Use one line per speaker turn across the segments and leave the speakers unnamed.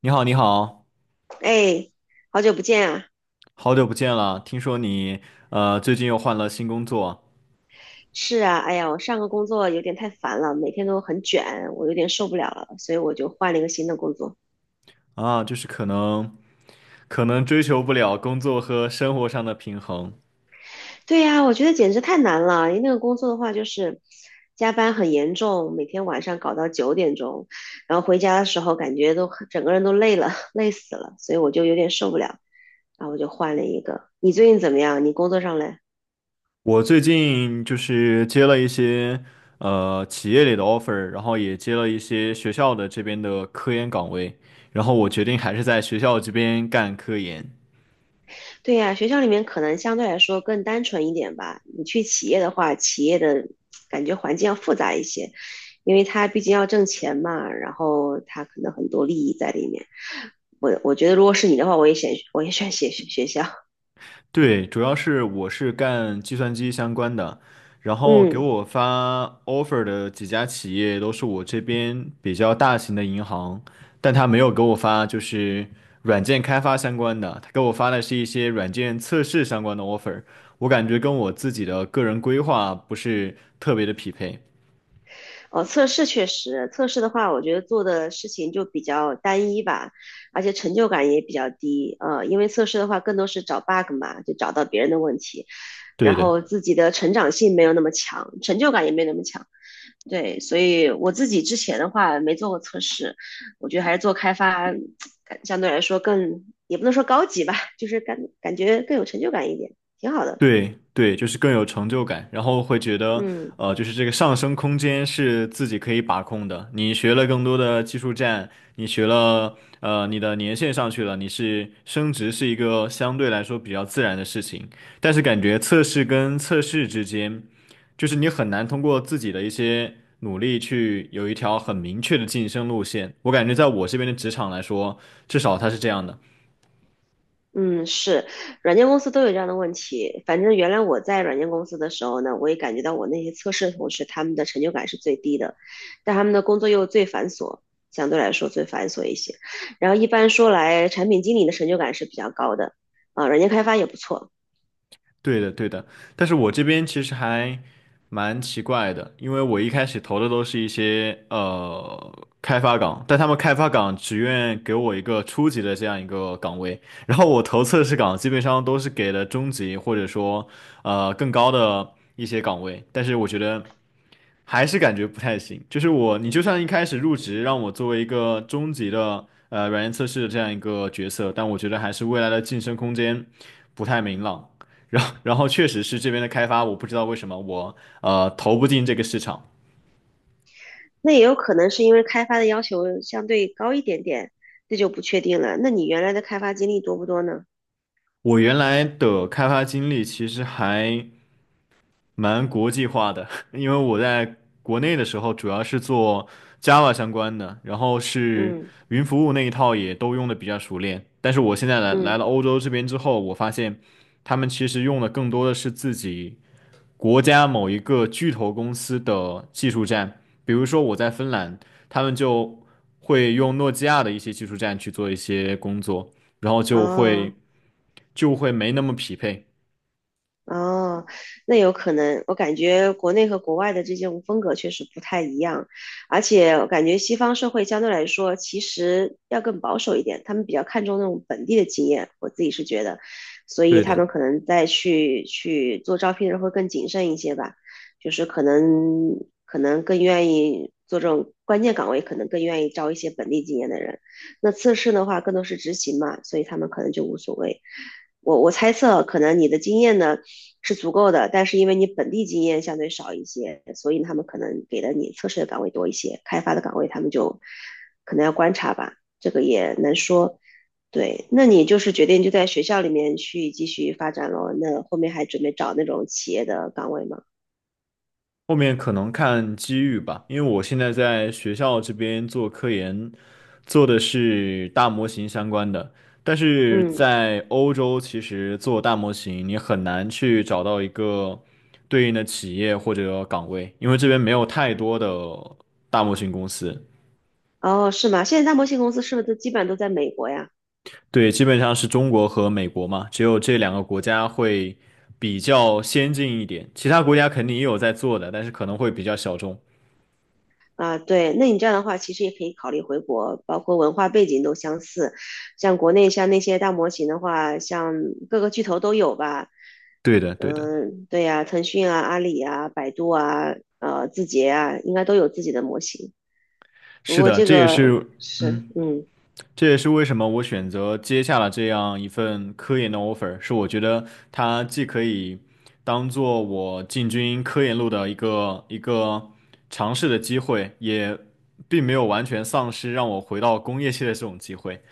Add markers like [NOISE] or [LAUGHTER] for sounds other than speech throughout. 你好，你好，
哎，好久不见啊！
好久不见了。听说你最近又换了新工作。
是啊，哎呀，我上个工作有点太烦了，每天都很卷，我有点受不了了，所以我就换了一个新的工作。
啊，就是可能追求不了工作和生活上的平衡。
对呀，我觉得简直太难了。因为那个工作的话，就是加班很严重，每天晚上搞到9点钟，然后回家的时候感觉都整个人都累了，[LAUGHS] 累死了，所以我就有点受不了，然后我就换了一个。你最近怎么样？你工作上嘞？
我最近就是接了一些企业里的 offer，然后也接了一些学校的这边的科研岗位，然后我决定还是在学校这边干科研。
对呀，学校里面可能相对来说更单纯一点吧。你去企业的话，企业的感觉环境要复杂一些，因为它毕竟要挣钱嘛，然后它可能很多利益在里面。我觉得如果是你的话，我也选学校。
对，主要是我是干计算机相关的，然后给
嗯，
我发 offer 的几家企业都是我这边比较大型的银行，但他没有给我发就是软件开发相关的，他给我发的是一些软件测试相关的 offer，我感觉跟我自己的个人规划不是特别的匹配。
哦，测试确实，测试的话，我觉得做的事情就比较单一吧，而且成就感也比较低。因为测试的话，更多是找 bug 嘛，就找到别人的问题，
对
然
的。
后自己的成长性没有那么强，成就感也没有那么强。对，所以我自己之前的话没做过测试，我觉得还是做开发，相对来说更，也不能说高级吧，就是感觉更有成就感一点，挺好的。
对对，就是更有成就感，然后会觉得，
嗯
就是这个上升空间是自己可以把控的。你学了更多的技术栈，你学了，你的年限上去了，你是升职是一个相对来说比较自然的事情。但是感觉测试跟测试之间，就是你很难通过自己的一些努力去有一条很明确的晋升路线。我感觉在我这边的职场来说，至少它是这样的。
嗯，是，软件公司都有这样的问题。反正原来我在软件公司的时候呢，我也感觉到我那些测试同事他们的成就感是最低的，但他们的工作又最繁琐，相对来说最繁琐一些。然后一般说来，产品经理的成就感是比较高的，啊，软件开发也不错。
对的，对的，但是我这边其实还蛮奇怪的，因为我一开始投的都是一些开发岗，但他们开发岗只愿给我一个初级的这样一个岗位，然后我投测试岗基本上都是给了中级或者说更高的一些岗位，但是我觉得还是感觉不太行。就是我，你就算一开始入职让我作为一个中级的软件测试的这样一个角色，但我觉得还是未来的晋升空间不太明朗。然后，然后确实是这边的开发，我不知道为什么我投不进这个市场。
那也有可能是因为开发的要求相对高一点点，这就不确定了。那你原来的开发经历多不多呢？
我原来的开发经历其实还蛮国际化的，[LAUGHS] 因为我在国内的时候主要是做 Java 相关的，然后是
嗯
云服务那一套也都用的比较熟练。但是我现在来来
嗯，
了欧洲这边之后，我发现他们其实用的更多的是自己国家某一个巨头公司的技术栈，比如说我在芬兰，他们就会用诺基亚的一些技术栈去做一些工作，然后就
哦。
会就会没那么匹配。
哦，那有可能，我感觉国内和国外的这种风格确实不太一样，而且我感觉西方社会相对来说其实要更保守一点，他们比较看重那种本地的经验，我自己是觉得，所以
对
他
的。
们可能在去做招聘的时候会更谨慎一些吧，就是可能更愿意做这种关键岗位，可能更愿意招一些本地经验的人，那测试的话更多是执行嘛，所以他们可能就无所谓。我猜测，可能你的经验呢，是足够的，但是因为你本地经验相对少一些，所以他们可能给的你测试的岗位多一些，开发的岗位他们就可能要观察吧，这个也难说。对，那你就是决定就在学校里面去继续发展咯，那后面还准备找那种企业的岗位吗？
后面可能看机遇吧，因为我现在在学校这边做科研，做的是大模型相关的。但是
嗯，
在欧洲，其实做大模型你很难去找到一个对应的企业或者岗位，因为这边没有太多的大模型公司。
哦，是吗？现在大模型公司是不是都基本上都在美国呀？
对，基本上是中国和美国嘛，只有这两个国家会比较先进一点，其他国家肯定也有在做的，但是可能会比较小众。
啊，对，那你这样的话，其实也可以考虑回国，包括文化背景都相似。像国内像那些大模型的话，像各个巨头都有吧。
对的，对的，
嗯，对呀，腾讯啊、阿里啊、百度啊、字节啊，应该都有自己的模型。不
是
过
的，
这
这也
个
是，
是，
嗯。
嗯，
这也是为什么我选择接下了这样一份科研的 offer，是我觉得它既可以当做我进军科研路的一个尝试的机会，也并没有完全丧失让我回到工业界的这种机会。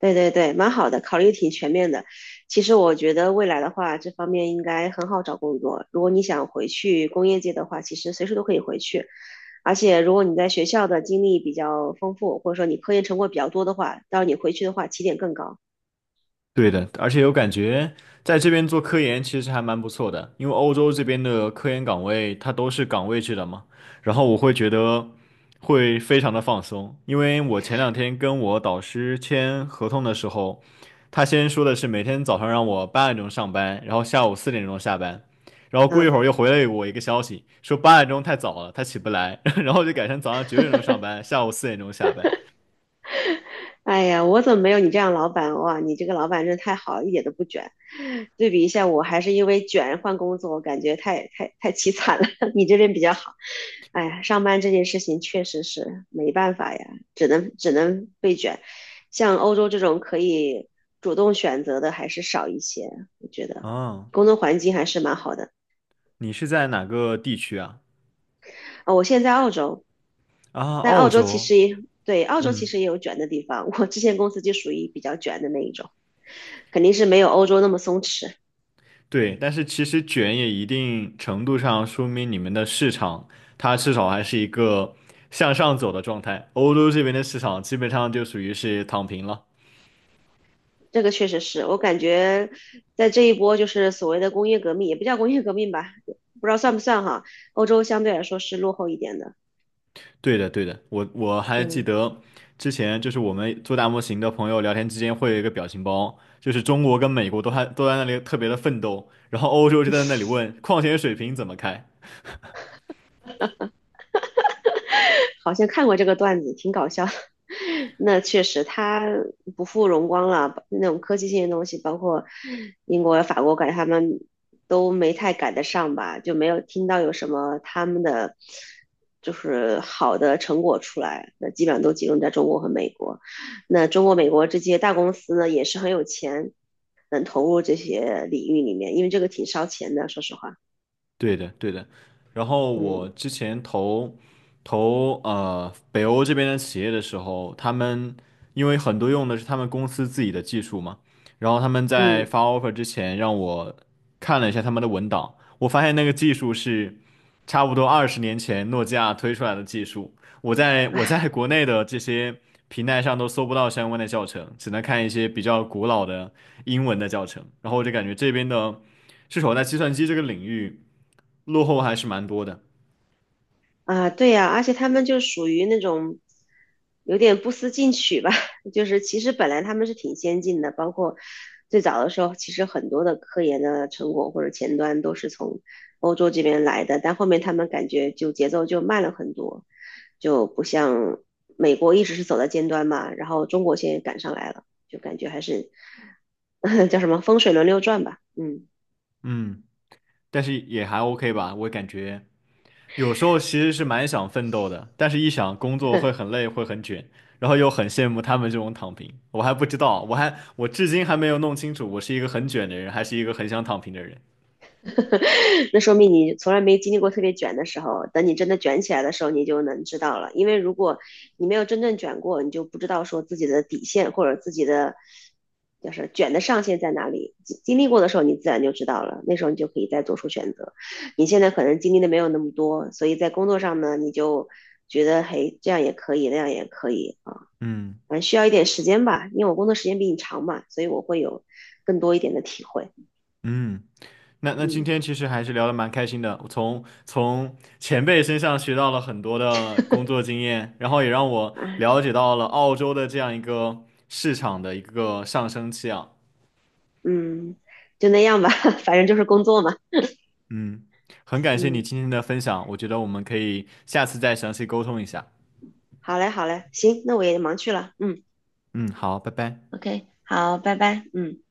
对对对，蛮好的，考虑挺全面的。其实我觉得未来的话，这方面应该很好找工作。如果你想回去工业界的话，其实随时都可以回去。而且如果你在学校的经历比较丰富，或者说你科研成果比较多的话，到时候你回去的话起点更高。
对的，而且有感觉在这边做科研其实还蛮不错的，因为欧洲这边的科研岗位它都是岗位制的嘛，然后我会觉得会非常的放松，因为我前两天跟我导师签合同的时候，他先说的是每天早上让我八点钟上班，然后下午四点钟下班，然后过一
嗯，
会儿又回了我一个消息说八点钟太早了，他起不来，[LAUGHS] 然后就改成早上9点钟上班，下午四点钟下班。
哎呀，我怎么没有你这样老板哇？你这个老板真的太好，一点都不卷。对比一下，我还是因为卷换工作，我感觉太太太凄惨了。[LAUGHS] 你这边比较好。哎呀，上班这件事情确实是没办法呀，只能被卷。像欧洲这种可以主动选择的还是少一些，我觉得
啊，
工作环境还是蛮好的。
你是在哪个地区啊？
啊、哦我现在在澳洲，
啊，
但
澳
澳洲其
洲。
实也对，澳洲其
嗯，
实也有卷的地方。我之前公司就属于比较卷的那一种，肯定是没有欧洲那么松弛。
对，但是其实卷也一定程度上说明你们的市场，它至少还是一个向上走的状态。欧洲这边的市场基本上就属于是躺平了。
这个确实是我感觉，在这一波就是所谓的工业革命，也不叫工业革命吧，不知道算不算哈。欧洲相对来说是落后一点的。
对的，对的，我还记
嗯。
得之前就是我们做大模型的朋友聊天之间会有一个表情包，就是中国跟美国都还都在那里特别的奋斗，然后欧洲就在那里问矿泉水瓶怎么开。
好像看过这个段子，挺搞笑的 [LAUGHS] 那确实，它不负荣光了。那种科技性的东西，包括英国、法国，感觉他们都没太赶得上吧，就没有听到有什么他们的就是好的成果出来。那基本上都集中在中国和美国。那中国、美国这些大公司呢，也是很有钱，能投入这些领域里面，因为这个挺烧钱的，说实话。
对的，对的。然后我
嗯
之前投北欧这边的企业的时候，他们因为很多用的是他们公司自己的技术嘛，然后他们在
嗯。
发 offer 之前让我看了一下他们的文档，我发现那个技术是差不多20年前诺基亚推出来的技术，我在国内的这些平台上都搜不到相关的教程，只能看一些比较古老的英文的教程，然后我就感觉这边的是少在计算机这个领域。落后还是蛮多的，
啊，对呀，而且他们就属于那种有点不思进取吧，[LAUGHS] 就是其实本来他们是挺先进的，包括最早的时候，其实很多的科研的成果或者前端都是从欧洲这边来的，但后面他们感觉就节奏就慢了很多，就不像美国一直是走在尖端嘛，然后中国现在赶上来了，就感觉还是 [LAUGHS] 叫什么风水轮流转吧，嗯，
嗯，但是也还 OK 吧，我感觉有时候其实是蛮想奋斗的，但是一想工作
[LAUGHS]
会很累，会很卷，然后又很羡慕他们这种躺平，我还不知道，我至今还没有弄清楚，我是一个很卷的人，还是一个很想躺平的人，
[LAUGHS] 那说明你从来没经历过特别卷的时候，等你真的卷起来的时候，你就能知道了。因为如果你没有真正卷过，你就不知道说自己的底线或者自己的就是卷的上限在哪里。经历过的时候，你自然就知道了，那时候你就可以再做出选择。你现在可能经历的没有那么多，所以在工作上呢，你就觉得嘿，这样也可以，那样也可以啊，
嗯
反正需要一点时间吧，因为我工作时间比你长嘛，所以我会有更多一点的体会，
嗯。那那今
嗯。
天其实还是聊得蛮开心的，我从前辈身上学到了很多的工作经验，然后也让我
啊，
了解到了澳洲的这样一个市场的一个上升期啊。
嗯，就那样吧，[LAUGHS] 反正就是工作嘛。
嗯，很感谢你
嗯，
今天的分享，我觉得我们可以下次再详细沟通一下。
好嘞，好嘞，行，那我也忙去了。嗯
嗯，好，拜拜。
，OK，好，拜拜。嗯。